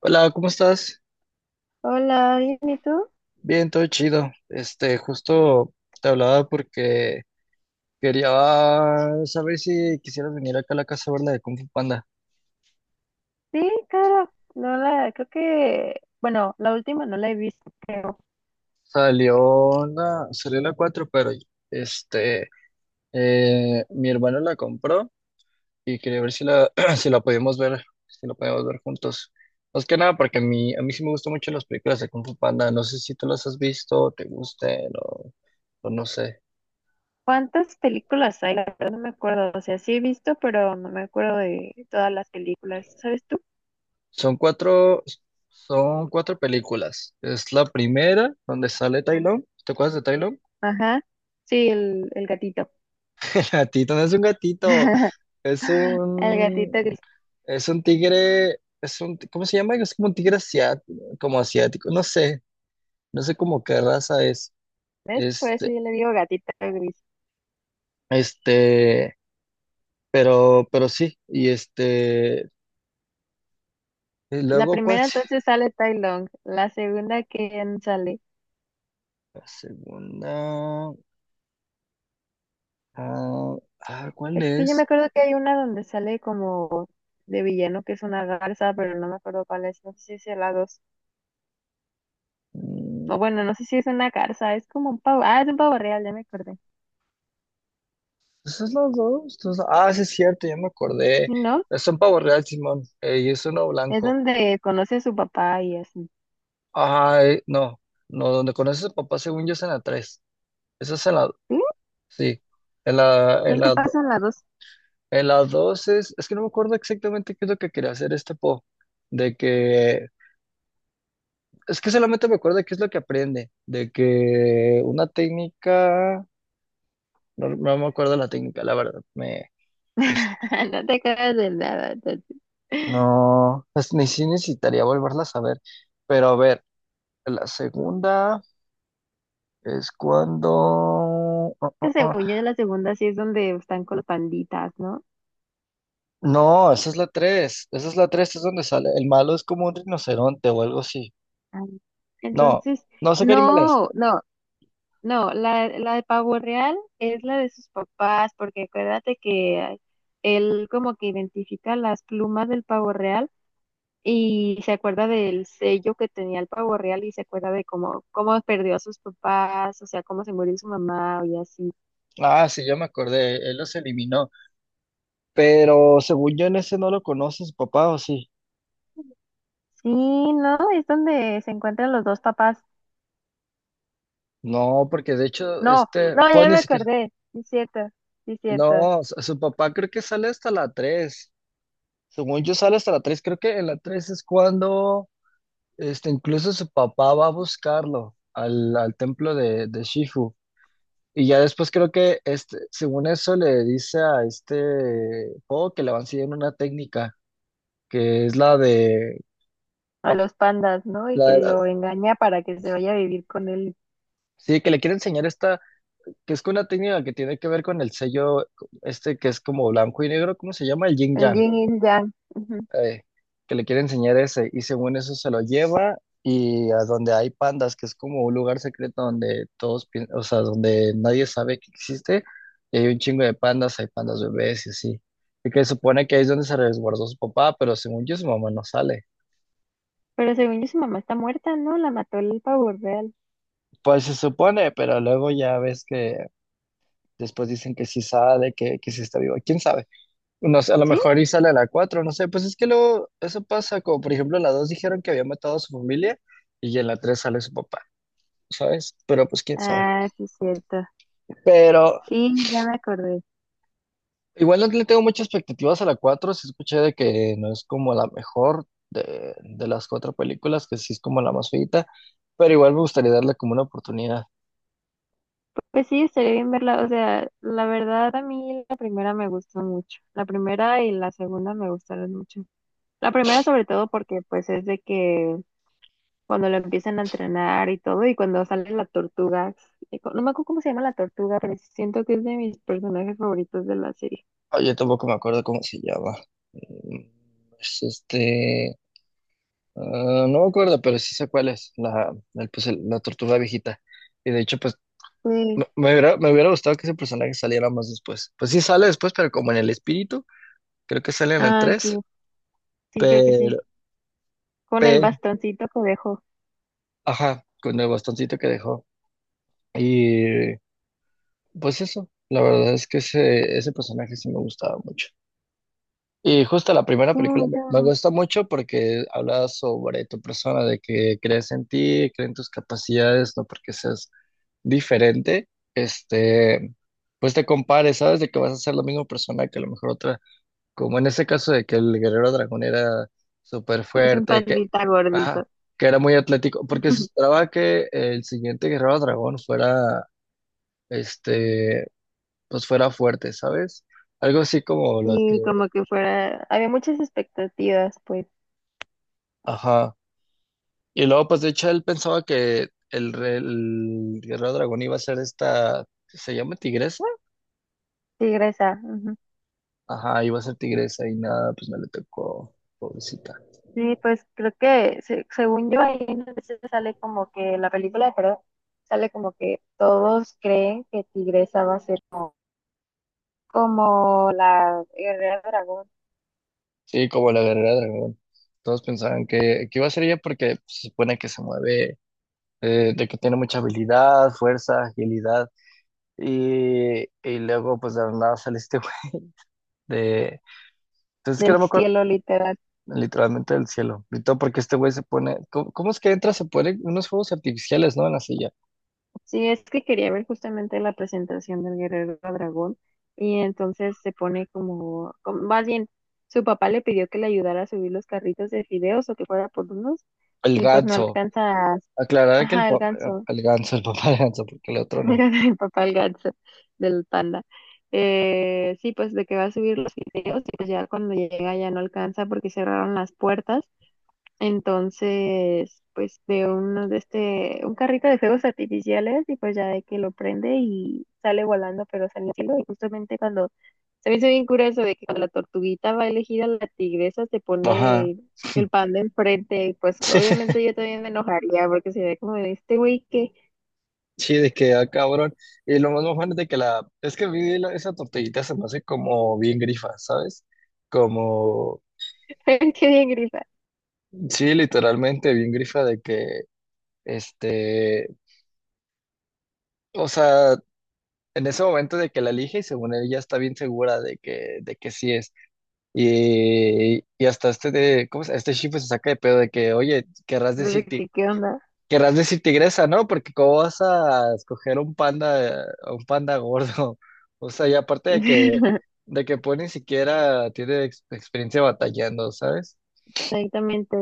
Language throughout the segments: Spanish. Hola, ¿cómo estás? Hola, bien, ¿y tú? Bien, todo chido. Justo te hablaba porque quería saber si quisieras venir acá a la casa a ver la de Kung Fu Panda. Sí, cara, no la, creo que, bueno, la última no la he visto, creo. Salió la 4, pero este, mi hermano la compró y quería ver si la, si la podíamos ver juntos. Más que nada porque a mí sí me gustan mucho las películas de Kung Fu Panda. No sé si tú las has visto, te gusten o no sé. ¿Cuántas películas hay? La verdad no me acuerdo, o sea, sí he visto, pero no me acuerdo de todas las películas, ¿sabes tú? Son cuatro, son cuatro películas. Es la primera donde sale Tai Lung. ¿Te acuerdas de Tai Lung? Ajá, sí, el gatito, El gatito no es un gatito, es el gatito un, gris, es un tigre, ¿cómo se llama? Es como un tigre asiático, como asiático, no sé cómo qué raza es. ¿ves? Por eso Este, yo le digo gatito gris. este, pero sí, y La luego, ¿cuál? primera entonces sale Tai Long, la segunda, ¿quién sale? La segunda, ah, ¿cuál Es que yo me es? acuerdo que hay una donde sale como de villano, que es una garza, pero no me acuerdo cuál es. No sé si es el la dos. Mm. O bueno, no sé si es una garza, es como un pavo. Ah, es un pavo real, ya me acordé. Ah, sí es cierto, ya me acordé. Si no, Son pavo real, Simón, y es uno es blanco. donde conoce a su papá y así. Ay, no, no, donde conoces a papá, según yo, es en la tres. Esa es en la, ¿Sí? Sí, en la, en Entonces, ¿qué la, do- pasa en la 2? en la 2 es que no me acuerdo exactamente qué es lo que quería hacer este po, de que, es que solamente me acuerdo de qué es lo que aprende, de que una técnica, no, no me acuerdo la técnica, la verdad, es- No te acuerdas de nada, entonces. no, ni si necesitaría volverla a saber, pero a ver. La segunda es cuando... Que ah. según yo, en la segunda sí es donde están con los panditas, ¿no? No, esa es la tres. Esa es la tres, es donde sale. El malo es como un rinoceronte o algo así. Ay. No, Entonces, no sé qué animal es. no, no. No, la de pavo real es la de sus papás, porque acuérdate que él como que identifica las plumas del pavo real y se acuerda del sello que tenía el pavo real y se acuerda de cómo perdió a sus papás, o sea, cómo se murió su mamá y así. Ah, sí, ya me acordé. Él los eliminó. Pero según yo en ese no lo conoce su papá, ¿o sí? Sí, no, es donde se encuentran los dos papás. No, porque de hecho, No, no, pues ya ni me siquiera. acordé, sí es cierto, sí es cierto. No, su papá creo que sale hasta la tres. Según yo sale hasta la tres. Creo que en la tres es cuando. Incluso su papá va a buscarlo al templo de Shifu. Y ya después creo que según eso le dice a este Po que le van a enseñar una técnica, que es A los pandas, ¿no? Y la que de- lo engaña para que se vaya a vivir con él, sí, que le quiere enseñar esta, que es una técnica que tiene que ver con el sello, este que es como blanco y negro, ¿cómo se llama? El yin el yang. yin y el yang. eh, que le quiere enseñar ese, y según eso se lo lleva y a donde hay pandas, que es como un lugar secreto donde o sea, donde nadie sabe que existe, y hay un chingo de pandas, hay pandas bebés y así. Y que supone que ahí es donde se resguardó su papá, pero según yo su mamá no sale. Pero según yo, su mamá está muerta, ¿no? La mató el pavo real. Pues se supone, pero luego ya ves que después dicen que sí sale, que sí está vivo. ¿Quién sabe? No sé, a lo ¿Sí? mejor y sale a la cuatro, no sé. Pues es que luego eso pasa, como por ejemplo en la dos dijeron que había matado a su familia y en la 3 sale su papá. ¿Sabes? Pero pues quién sabe. Ah, sí, cierto. Pero Sí, ya me acordé. igual no le tengo muchas expectativas a la cuatro, sí escuché de que no es como la mejor de las cuatro películas, que sí es como la más feita, pero igual me gustaría darle como una oportunidad. Pues sí, estaría bien verla. O sea, la verdad a mí la primera me gustó mucho. La primera y la segunda me gustaron mucho. La primera sobre todo porque pues es de que cuando lo empiezan a entrenar y todo y cuando sale la tortuga, no me acuerdo cómo se llama la tortuga, pero siento que es de mis personajes favoritos de la serie. Ah, yo tampoco me acuerdo cómo se llama. Mm, Es no me acuerdo, pero sí sé cuál es, la, el, pues, el- la tortuga viejita. Y de hecho, pues Sí. me hubiera gustado que ese personaje saliera más después. Pues sí sale después, pero como en el espíritu, creo que sale en el Ah, tres, sí, sí, creo que sí. pero... Con el bastoncito que dejó. Ajá, con el bastoncito que dejó. Y pues eso, la verdad es que ese personaje sí me gustaba mucho. Y justo la primera Sí, me película me, gusta. me gusta mucho porque habla sobre tu persona, de que crees en ti, crees en tus capacidades, no porque seas diferente, este, pues te compares, sabes de que vas a ser la misma persona que a lo mejor otra como en ese caso de que el guerrero dragón era súper Pues un fuerte, que, pandita ajá, gordito. que era muy atlético, porque se esperaba que el siguiente guerrero dragón fuera, este, pues fuera fuerte, ¿sabes? Algo así como lo que, Y como que fuera, había muchas expectativas, pues, ajá. Y luego, pues de hecho, él pensaba que el guerrero dragón iba a ser esta, ¿se llama tigresa? tigresa. Ujú. Ajá, iba a ser tigresa y nada, pues no le tocó, pobrecita. Sí, pues creo que según yo ahí a veces sale como que la película, perdón, sale como que todos creen que Tigresa va a ser como, como la guerrera dragón Sí, como la guerrera dragón. Todos pensaban que iba a ser ella porque pues, se supone que se mueve de que tiene mucha habilidad, fuerza, agilidad. Y luego, pues de la nada sale este güey de. Entonces, que del no me acuerdo cielo literal. literalmente del cielo. Y todo porque este güey se pone. ¿Cómo es que entra? Se pone unos fuegos artificiales, ¿no? En la silla. Sí, es que quería ver justamente la presentación del Guerrero Dragón y entonces se pone más bien, su papá le pidió que le ayudara a subir los carritos de fideos o que fuera por unos El y pues no ganso. alcanza, Aclarar que el ajá, el papá. ganso, El ganso, el papá de ganso, porque el otro no. mira, mi papá el ganso del panda. Sí, pues de que va a subir los fideos y pues ya cuando llega ya no alcanza porque cerraron las puertas entonces, pues veo uno de este, un carrito de fuegos artificiales y pues ya de que lo prende y sale volando, pero sale al cielo. Y justamente cuando se me hizo bien curioso de que cuando la tortuguita va elegida, la tigresa se Ajá. pone el panda enfrente. Y pues Sí, obviamente yo también me enojaría porque se ve como de este güey que, sí, de que, ah, cabrón. Y lo más mojón es de que la. Es que vi esa tortillita se me hace como bien grifa, ¿sabes? Como. que bien grita. Sí, literalmente bien grifa de que Este, o sea, en ese momento de que la elige y según ella está bien segura de que sí es. Y hasta Este Shifu se saca de pedo de que, oye, Entonces, ¿qué onda? querrás decir tigresa, ¿no? Porque cómo vas a escoger un panda, a un panda gordo. O sea, y aparte de que, pues ni siquiera tiene experiencia batallando, ¿sabes? Exactamente.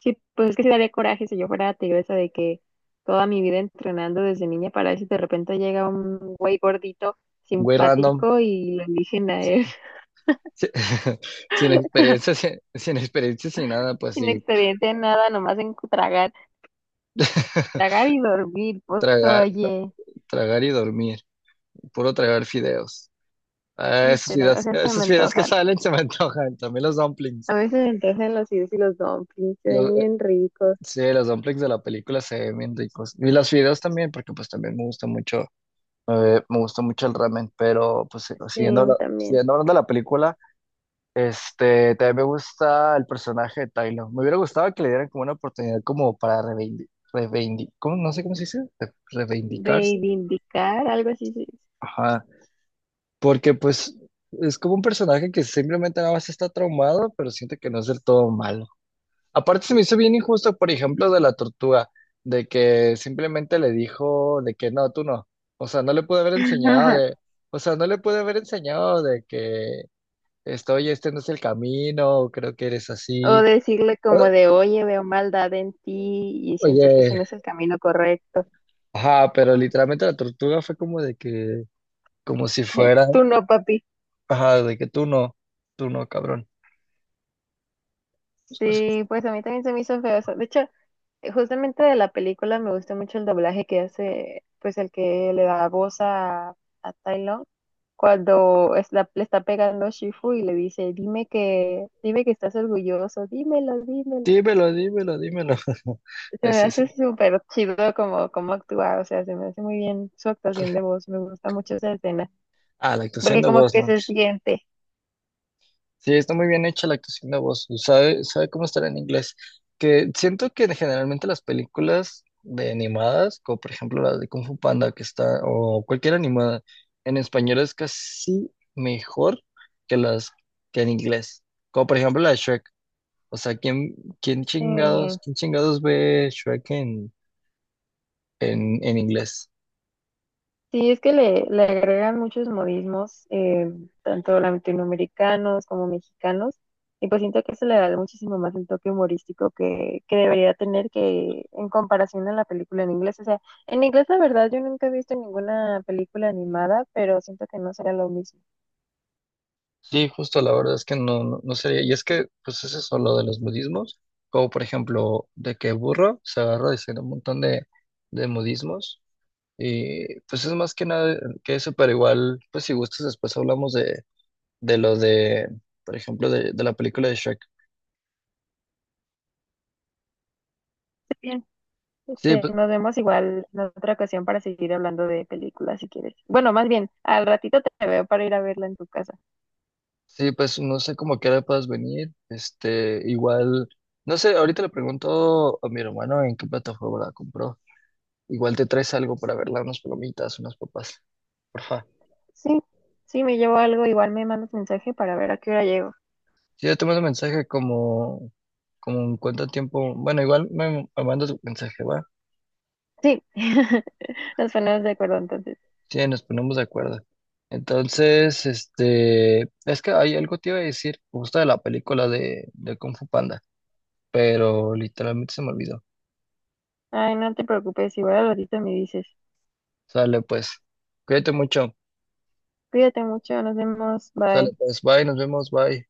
Sí, pues es que sí daría coraje si yo fuera tigresa de que toda mi vida entrenando desde niña para eso de repente llega un güey gordito, Güey random. simpático y lo eligen a él, Sin experiencia, sin experiencia, sin nada, pues sin sí. experiencia en nada, nomás en tragar, tragar y dormir, pues traga. oye, Tragar y dormir. Puro tragar fideos. Ah, esas literal, o fideos, sea, se me esos fideos que antojan. salen se me antojan. También los dumplings. A mí se me antojan los idos y los dumplings, se Los- ven eh, bien ricos. sí, los dumplings de la película se ven bien ricos. Y los fideos también, porque pues también me gusta mucho el ramen. Pero pues Sí, siguiendo, también. siguiendo hablando de la película, también me gusta el personaje de Tyler. Me hubiera gustado que le dieran como una oportunidad como para reivindicar. ¿Cómo? No sé cómo se dice. Reivindicarse. Reivindicar, algo así se dice. Ajá. Porque pues es como un personaje que simplemente nada más está traumado, pero siente que no es del todo malo. Aparte se me hizo bien injusto, por ejemplo, de la tortuga, de que simplemente le dijo de que no, tú no. O sea, no le pude haber enseñado de, o sea, no le pude haber enseñado de que estoy, este no es el camino, creo que eres O así. decirle como de, oye, veo maldad en ti y siento que ese Oye, no es el camino correcto. ajá, pero literalmente la tortuga fue como de que, como si fuera, Tú no, papi. ajá, de que tú no, cabrón. Sí, pues a mí también se me hizo feo eso. De hecho, justamente de la película me gusta mucho el doblaje que hace, pues el que le da voz a, Tai Lung cuando le está pegando Shifu y le dice, dime que estás orgulloso, dímelo, dímelo. Dímelo, dímelo, dímelo. Se me Es eso. hace súper chido como actuar, o sea, se me hace muy bien su actuación de voz, me gusta mucho esa escena. Ah, la actuación Porque de como voz, que no. se Pues, siente. sí, está muy bien hecha la actuación de voz. ¿Sabe cómo estará en inglés? Que siento que generalmente las películas de animadas, como por ejemplo la de Kung Fu Panda, que está, o cualquier animada, en español es casi mejor que las que en inglés. Como por ejemplo la de Shrek. O sea, ¿quién, quién eh, chingados, quién chingados ve Shrek en, en inglés? sí, es que le agregan muchos modismos, tanto latinoamericanos como mexicanos, y pues siento que se le da muchísimo más el toque humorístico que debería tener que en comparación a la película en inglés. O sea, en inglés la verdad yo nunca he visto ninguna película animada, pero siento que no será lo mismo. Sí, justo la verdad es que no, no, no sería. Y es que, pues es eso lo de los budismos, como por ejemplo, de que Burro se agarra diciendo un montón de budismos. Y pues es más que nada que eso, pero igual, pues si gustas, después hablamos de lo de, por ejemplo, de la película de Shrek. Bien. Sí, Este, pues, nos vemos igual en otra ocasión para seguir hablando de películas si quieres. Bueno, más bien, al ratito te veo para ir a verla en tu casa. sí, pues no sé cómo que ahora puedas venir. Igual, no sé, ahorita le pregunto a mi hermano en qué plataforma la compró. Igual te traes algo para verla, unas palomitas, unas papas, porfa. Sí, sí, me llevo algo, igual me mandas mensaje para ver a qué hora llego. Sí, yo te mando mensaje como en cuánto tiempo. Bueno, igual me mandas un mensaje, va. Sí, nos ponemos de acuerdo entonces. Sí, nos ponemos de acuerdo. Entonces, es que hay algo te iba a decir justo de la película de Kung Fu Panda, pero literalmente se me olvidó. Ay, no te preocupes, igual al ratito me dices. Sale pues, cuídate mucho. Cuídate mucho, nos vemos, Sale bye. pues, bye, nos vemos, bye.